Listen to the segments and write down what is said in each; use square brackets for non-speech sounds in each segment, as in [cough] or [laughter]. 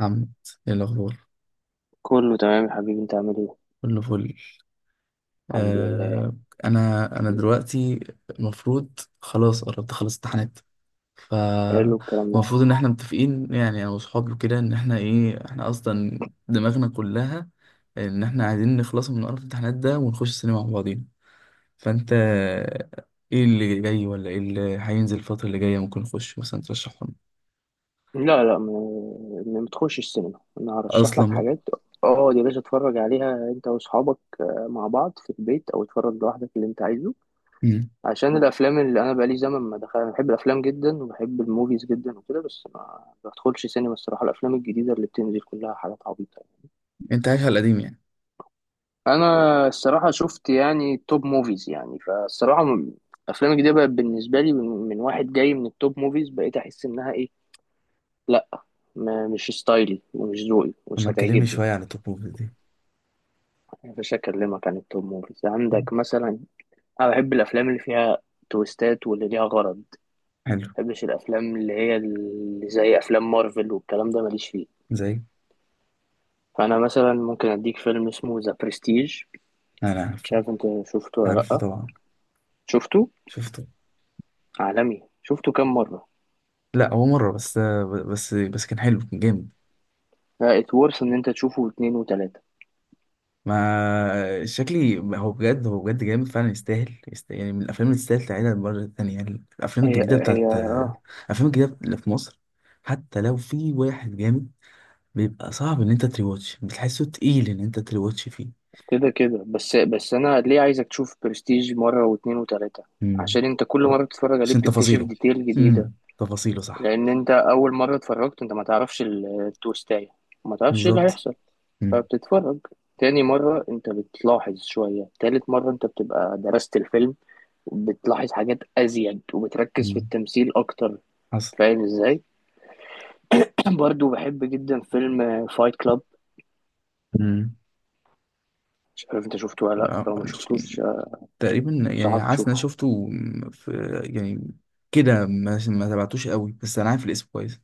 محمد، ايه الاخبار؟ كله تمام يا حبيبي، انت عامل ايه؟ كله فل. الحمد لله. آه. انا دلوقتي المفروض، خلاص قربت اخلص امتحانات، حلو الكلام ده. فالمفروض ان احنا متفقين، يعني انا واصحابي كده ان احنا ايه، احنا اصلا دماغنا كلها ان احنا عايزين نخلص من قرف الامتحانات ده ونخش السينما مع بعضينا. فانت ايه اللي جاي ولا ايه اللي هينزل الفترة اللي جاية؟ ممكن نخش مثلا، ترشحهم لا لا، ما بتخش السينما، انا هرشح لك اصلا بقى. حاجات. اه يا باشا، اتفرج عليها انت واصحابك، آه، مع بعض في البيت او اتفرج لوحدك اللي انت عايزه. مم. عشان الافلام اللي انا بقالي زمن ما دخل، انا بحب الافلام جدا وبحب الموفيز جدا وكده، بس ما بدخلش سينما الصراحه. الافلام الجديده اللي بتنزل كلها حاجات عبيطه. انت عايش على القديم يعني؟ انا الصراحه شفت يعني توب موفيز يعني فالصراحه افلام الجديده بقت بالنسبه لي من واحد جاي من التوب موفيز، بقيت احس انها ايه، لا، ما مش ستايلي ومش ذوقي لما ومش تكلمني هتعجبني. شوية عن الطفولة دي. مش هكلمك عن التوب موفيز مم. عندك مثلا. انا بحب الافلام اللي فيها تويستات واللي ليها غرض ما، حلو. بحبش الافلام اللي هي اللي زي افلام مارفل والكلام ده، ماليش فيه. زي فانا مثلا ممكن اديك فيلم اسمه ذا برستيج، انا مش عارفه. عارف انت شفته ولا عارفه لا، طبعا. شفته؟ شفته. عالمي، شفته كام مره؟ لا، هو مره بس، بس كان حلو، كان جامد. ات ورث ان انت تشوفه اتنين وتلاتة. ما شكلي، هو بجد، هو بجد جامد فعلا، يستاهل، يعني من الافلام اللي تستاهل تعيدها مرة تانية يعني. الافلام هي الجديده هي بتاعت، اه، الافلام الجديده اللي في مصر حتى لو في واحد جامد، بيبقى صعب ان انت تريواتش، بتحسه تقيل ان انت تريواتش فيه. كده كده، بس انا ليه عايزك تشوف برستيج مرة واتنين وتلاتة؟ امم. عشان انت كل مرة بتتفرج عليه عشان بتكتشف تفاصيله. ديتيل جديدة. امم، تفاصيله صح. لان انت اول مرة اتفرجت انت ما تعرفش التويستاية، ما تعرفش ايه اللي بالظبط. هيحصل، امم. فبتتفرج. تاني مرة انت بتلاحظ شوية، تالت مرة انت بتبقى درست الفيلم وبتلاحظ حاجات ازيد وبتركز في أمم. التمثيل اكتر. حصل. فاهم ازاي؟ [clears throat] برضو بحب جدا فيلم فايت كلاب، امم، مش عارف انت شفته ولا لا، لو ما شفتوش تقريبا يعني، انصحك حاسس ان انا تشوفه. شفته. في يعني كده، ما تبعتوش قوي، بس انا عارف الاسم كويس.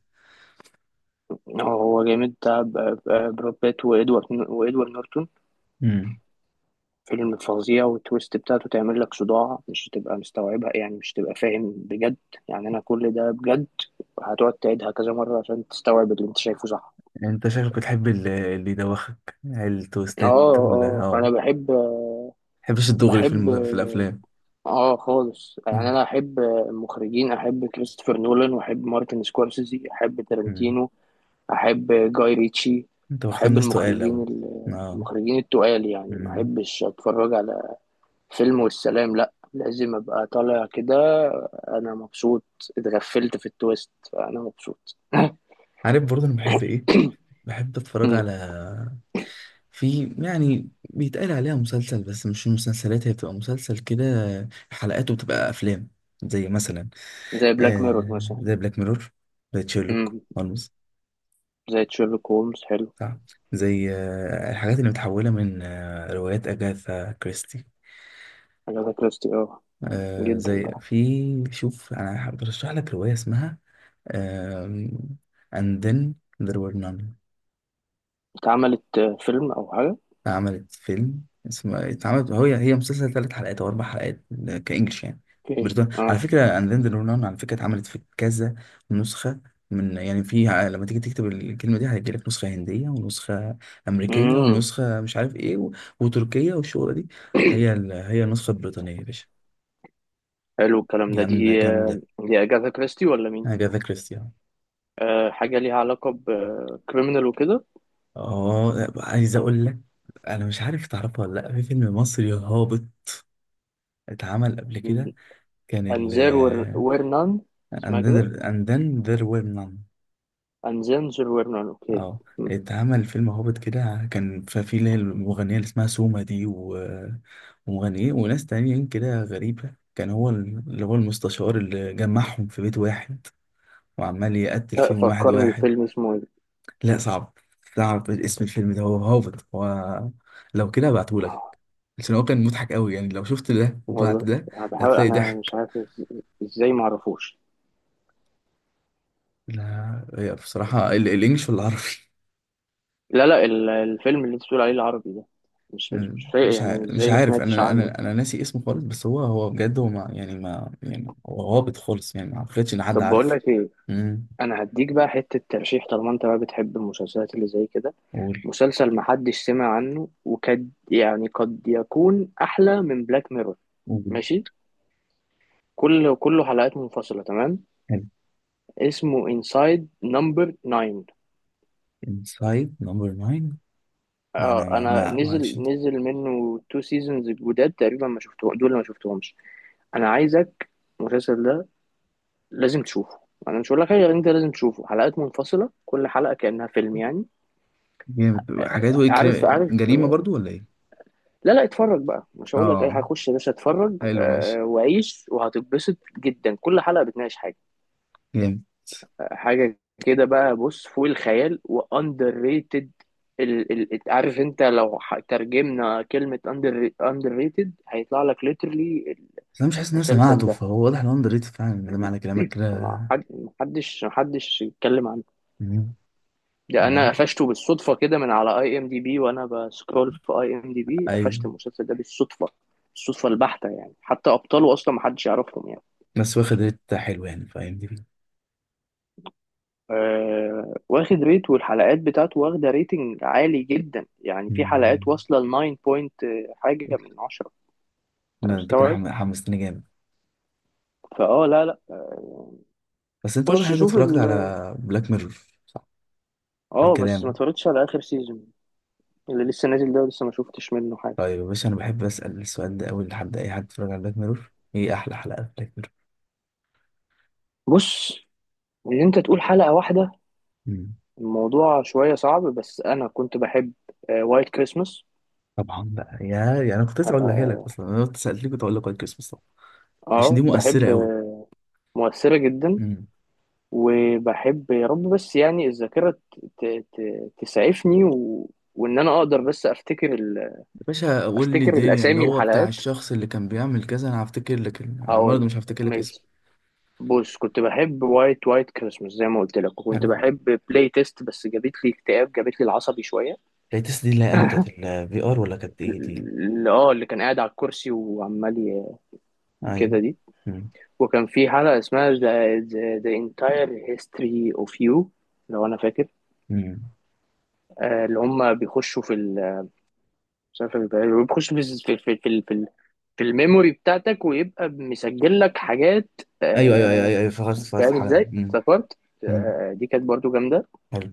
هو جامد، بتاع براد بيت وادوارد نورتون، امم. فيلم فظيع، والتويست بتاعته تعمل لك صداع، مش هتبقى مستوعبها يعني، مش هتبقى فاهم بجد يعني، انا كل ده بجد. هتقعد تعيدها كذا مرة عشان تستوعب اللي انت شايفه، صح. انت شكلك بتحب اللي يدوخك اه، التوستات، ولا اه اه، انا ما بحب، بتحبش الدغري في بحب في الافلام؟ اه خالص يعني، مم. انا احب المخرجين، احب كريستوفر نولان واحب مارتن سكورسيزي، احب امم. تارنتينو، احب جاي ريتشي، انت واخد احب ناس تقال المخرجين قوي. اه. المخرجين التقال، يعني ما امم. احبش اتفرج على فيلم والسلام، لا لازم ابقى طالع كده انا مبسوط، اتغفلت في التويست، فانا مبسوط. عارف برضه انا بحب ايه؟ بحب اتفرج مم. على، في يعني بيتقال عليها مسلسل بس مش مسلسلات، هي بتبقى مسلسل كده حلقاته بتبقى افلام. زي مثلا، زي بلاك ميرور آه مثلا. زي بلاك ميرور، زي تشيرلوك مم. هولمز. زي شيرلوك هولمز، حلو. صح. زي آه الحاجات اللي متحولة من آه روايات أجاثا كريستي. اجاثا كريستي، اه، آه، جدا زي بقى. في، شوف أنا برشح لك رواية اسمها، آم، And then there were none. اتعملت، آه، فيلم او حاجه؟ اتعملت فيلم اسمه، اتعملت هو، هي مسلسل ثلاث حلقات او اربع حلقات، كانجلش يعني، اوكي بريطاني على اه. فكره، اند ذن رونان على فكره. اتعملت في كذا نسخه، من يعني في لما تيجي تكتب الكلمه دي هيجيلك نسخه هنديه، ونسخه امريكيه، امم. ونسخه مش عارف ايه و... وتركيه، والشغله دي هي النسخه البريطانيه يا باشا. حلو الكلام ده، جامده، دي آه، جامده. دي اجاثا كريستي ولا مين؟ اجاثا كريستي. آه، حاجه ليها علاقه بكريمنال وكده. اه، عايز اقول لك، انا مش عارف تعرفها ولا لا، في فيلم مصري هابط اتعمل قبل كده، كان، أنذير ورنان، اسمها and then كده، there, and then there were none. أنذير ورنان، أوكي، اه، م. اتعمل فيلم هوبت كده، كان فيه اللي هي المغنية اللي اسمها سوما دي و... ومغنيين وناس تانيين كده غريبة، كان هو اللي هو المستشار اللي جمعهم في بيت واحد وعمال يقتل لا فيهم واحد فكرني واحد. فيلم اسمه إيه. لا صعب، صعب اسم الفيلم ده، هو هوبت، هو لو كده هبعتهولك. بس هو كان مضحك قوي يعني، لو شفت ده وبعد والله ده أنا بحاول، هتلاقي أنا مش ضحك. عارف إزاي معرفوش. لا هي بصراحة الانجليش، ولا لا لا، الفيلم اللي أنت بتقول عليه العربي ده مش فايق مش يعني مش إزاي ما عارف، سمعتش انا عنه. انا انا ناسي اسمه خالص، بس هو، هو بجد، هو ما يعني، ما يعني هو هابط خالص يعني، ما اعتقدش ان حد طب بقول عارفه. لك إيه، امم. أنا هديك بقى حتة ترشيح، طالما أنت بقى بتحب المسلسلات اللي زي كده، قول. مسلسل محدش سمع عنه وكاد يعني قد يكون أحلى من بلاك ميرور، قول. ماشي، كله حلقات منفصلة، تمام، حلو. اسمه انسايد نمبر 9. انسايد نمبر 9. ده اه انا ما انا لا ماشي. نزل منه تو سيزونز الجداد تقريبا، ما شفتهم دول، ما شفتهمش. انا عايزك، المسلسل ده لازم تشوفه. انا مش هقول لك حاجه غير انت لازم تشوفه، حلقات منفصله، كل حلقه كانها فيلم يعني. جامد. حكايته آه، ايه، عارف عارف، جريمه آه، برضو ولا ايه؟ لا لا، اتفرج بقى، مش هقول لك ايه، اه. هخش يا باشا اتفرج حلو، ماشي. آه، وعيش، وهتتبسط جدا، كل حلقه بتناقش حاجه، جامد. حاجة كده بقى. بص، فوق الخيال، واندر ريتد، ال عارف انت لو ترجمنا كلمة اندر ريتد، هيطلع لك ليترلي بس انا مش حاسس ان انا المسلسل سمعته، ده، فهو واضح انه اندر ريتد فعلا، ده معنى كلامك كده. ما حد- محدش يتكلم عنه. مم. ده انا انا، قفشته بالصدفة كده من على اي ام دي بي وانا بسكرول في اي ام دي بي، قفشت ايوه. المسلسل ده بالصدفة، الصدفة البحتة يعني، حتى ابطاله اصلا محدش يعرفهم يعني. بس واخد ريت حلو يعني، فاهمني؟ آه، واخد ريت، والحلقات بتاعته واخدة ريتنج عالي جدا، يعني في حلقات واصلة ل 9 بوينت حاجة من 10. انت لا انت كده، مستوعب؟ حمستني جامد. فاه، لا لا، بس انت واضح ان خش انت شوف ال، اتفرجت على بلاك ميرور. عن اه بس ما كلامك. اتفرجتش على اخر سيزون اللي لسه نازل ده، لسه ما شفتش منه حاجة. طيب يا باشا، انا بحب اسال السؤال ده اول لحد اي حد اتفرج على بلاك ميرور، ايه احلى حلقه في بلاك ميرور؟ بص، ان انت تقول حلقة واحدة مم. الموضوع شوية صعب، بس انا كنت بحب وايت كريسمس، طبعا بقى يا، يعني انا كنت اه لسه White Christmas، هقولها لك آه، اصلا، انا كنت سالت لك، كنت هقول لك وايت كريسمس طبعا. عشان دي آه، مؤثره بحب قوي. آه، مؤثرة جدا. مم. وبحب يا رب بس يعني الذاكرة تسعفني وإن أنا أقدر بس أفتكر يا باشا قول لي أفتكر الدنيا، اللي الأسامي هو بتاع الحلقات، الشخص اللي كان بيعمل كذا، انا هفتكر لك انا هقول، برضه مش هفتكر لك اسمه. ماشي. بص، كنت بحب وايت كريسمس زي ما قلت لك، وكنت حلو. بحب بلاي تيست، بس جابت لي اكتئاب، جابت لي العصبي شوية. التيست دي اللي هي يعني بتاعت [laughs] الفي ار، ولا كانت ايه دي؟ اللي كان قاعد على الكرسي وعمال ايوه. كده، دي. مم. وكان في حلقة اسمها the entire history of you لو أنا فاكر. مم. آه، اللي هم بيخشوا في ال، مش عارف يبقى إيه. بيخش في الميموري بتاعتك ويبقى مسجل لك حاجات، ايوه، ايوه، ايوه، آه. ايوه، ايوه، فخرت، فخرت فاهم الحلقه ازاي؟ دي. مم. افتكرت، مم. آه، دي كانت برضو جامدة. حلو.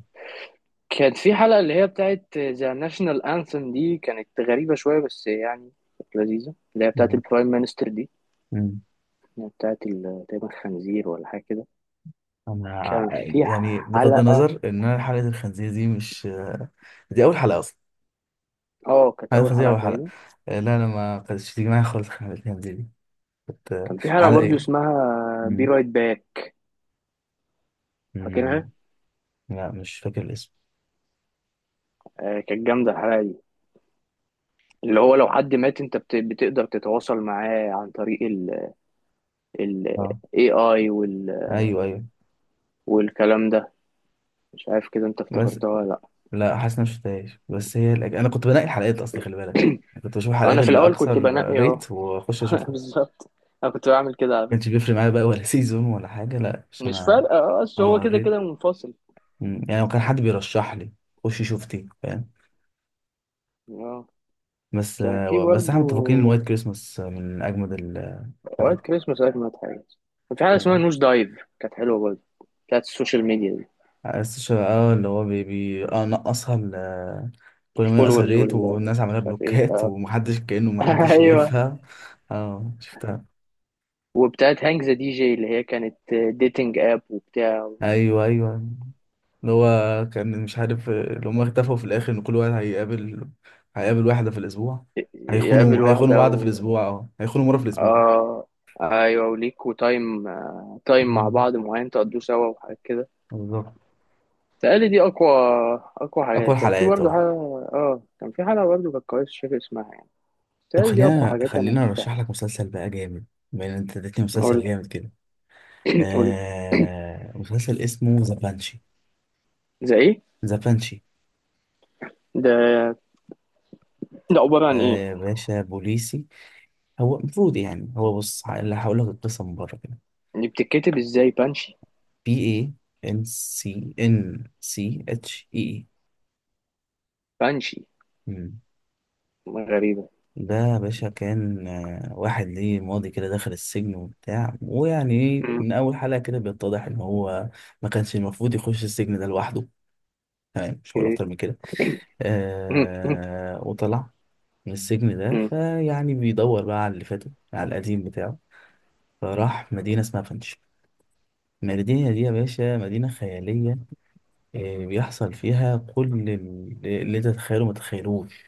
كانت في حلقة اللي هي بتاعت ذا ناشونال انثم، دي كانت غريبة شوية بس يعني كانت لذيذة، اللي هي بتاعت البرايم مينستر دي، مم. اللي هي بتاعت تقريبا خنزير ولا حاجة كده. انا، كان في يعني بغض حلقة، النظر ان انا حلقه الخنزير دي مش، دي اول حلقه اصلا. اه كانت حلقه أول الخنزير حلقة اول حلقه. تقريبا. آه، لا انا ما كانتش تيجي معايا خالص حلقه الخنزير دي، كنت آه، كان في حلقة على برضو ايه. اسمها بي مم. رايت باك، مم. فاكرها؟ لا مش فاكر الاسم. آه، كانت جامدة الحلقة دي، اللي هو لو حد مات انت بتقدر تتواصل معاه عن طريق ال، ال اه. AI وال، ايوه، ايوه. والكلام ده، مش عارف كده انت بس، افتكرتها ولا. لا حاسس إن أنا مش شفتهاش، بس هي انا كنت بنقي الحلقات اصلي، خلي بالك، يعني كنت بشوف لا الحلقات انا في اللي الاول كنت اكثر بنقي اهو. ريت واخش [laughs] اشوفها. ما بالظبط، انا كنت بعمل كده على كانش فكرة. بيفرق معايا بقى ولا [laughs] سيزون ولا حاجه، لا عشان مش انا، فارقة اه اصل هو اه، كده ريت. كده منفصل. مم. يعني لو كان حد بيرشح لي، خشي شوفتي، فاهم؟ اه بس كان في آه، بس احنا برضو متفقين ان وايت كريسماس من اجمد اوقات الحلقات. كريسماس، اوقات مات حاجة. كان في حاجة اسمها نوش دايف، كانت حلوة برضو، بتاعت السوشيال ميديا دي، بس اه، اللي هو بي اه، نقصها كل ما ينقص الفولورز الريت، وال، والناس عملها مش عارف ايه، بلوكات [laughs] اه ومحدش، كأنه [laughs] محدش ايوه. شايفها. اه، شفتها. وبتاعت هانج ذا دي جي اللي هي كانت ديتنج اب وبتاع، ايوه، ايوه، اللي هو كان مش عارف، اللي هم اختفوا في الاخر ان كل واحد هيقابل، هيقابل واحدة في الاسبوع، يقابل هيخونوا، هيخونوا واحدة بعض في و، الاسبوع، اه هيخونوا مرة في الاسبوع. اه ايوه، وليكوا تايم، آه، تايم مع مم. بعض معين تقضوه سوا وحاجات كده. بالظبط. تقالي دي اقوى، اقوى اقوى حاجات كان في الحلقات، برضه اه. حاجة. اه كان في حلقة برضه كانت كويسة مش فاكر اسمها يعني، طب تقالي دي اقوى خلينا، حاجات انا خلينا شفتها. ارشح لك مسلسل بقى جامد بما ان انت اديتني مسلسل قول، جامد كده. قول آه، مسلسل اسمه ذا بانشي. زي ايه؟ ذا بانشي. ده ده عبارة ده عن ايه؟ يا باشا بوليسي. هو المفروض يعني، هو بص اللي هقول لك القصه من بره كده. اللي بتتكتب ازاي بانشي؟ بي اي ان سي ان سي اتش اي اي. بانشي، مم. غريبة، ده يا باشا كان آه، واحد ليه ماضي كده، دخل السجن وبتاع، ويعني ايه، أمم، من اول حلقه كده بيتضح ان هو ما كانش المفروض يخش السجن ده لوحده، تمام؟ مش هقول اوكي، اكتر من كده. أمم، آه، وطلع من السجن ده، أمم. فيعني بيدور بقى على اللي فاته، على القديم بتاعه. فراح مدينة اسمها فنش. المدينة دي يا باشا مدينة خيالية، آه بيحصل فيها كل اللي انت تتخيله ما تتخيلوش،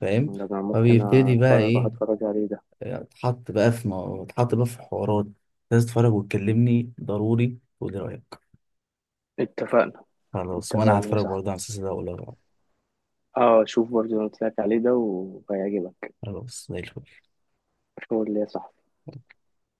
فاهم؟ ده انا ممكن فبيبتدي بقى اتفرج اروح ايه، اتفرج عليه ده. آه، اتحط بقى في اتحط بقى في حوارات. لازم تتفرج وتكلمني ضروري، تقولي رأيك. اتفقنا، خلاص، وانا اتفقنا يا هتفرج صاحبي، برضه على المسلسل ده واقول لك رأيي. اه شوف برضو اللي قلت لك عليه ده وهيعجبك، خلاص، زي الفل. شغل ليا صح.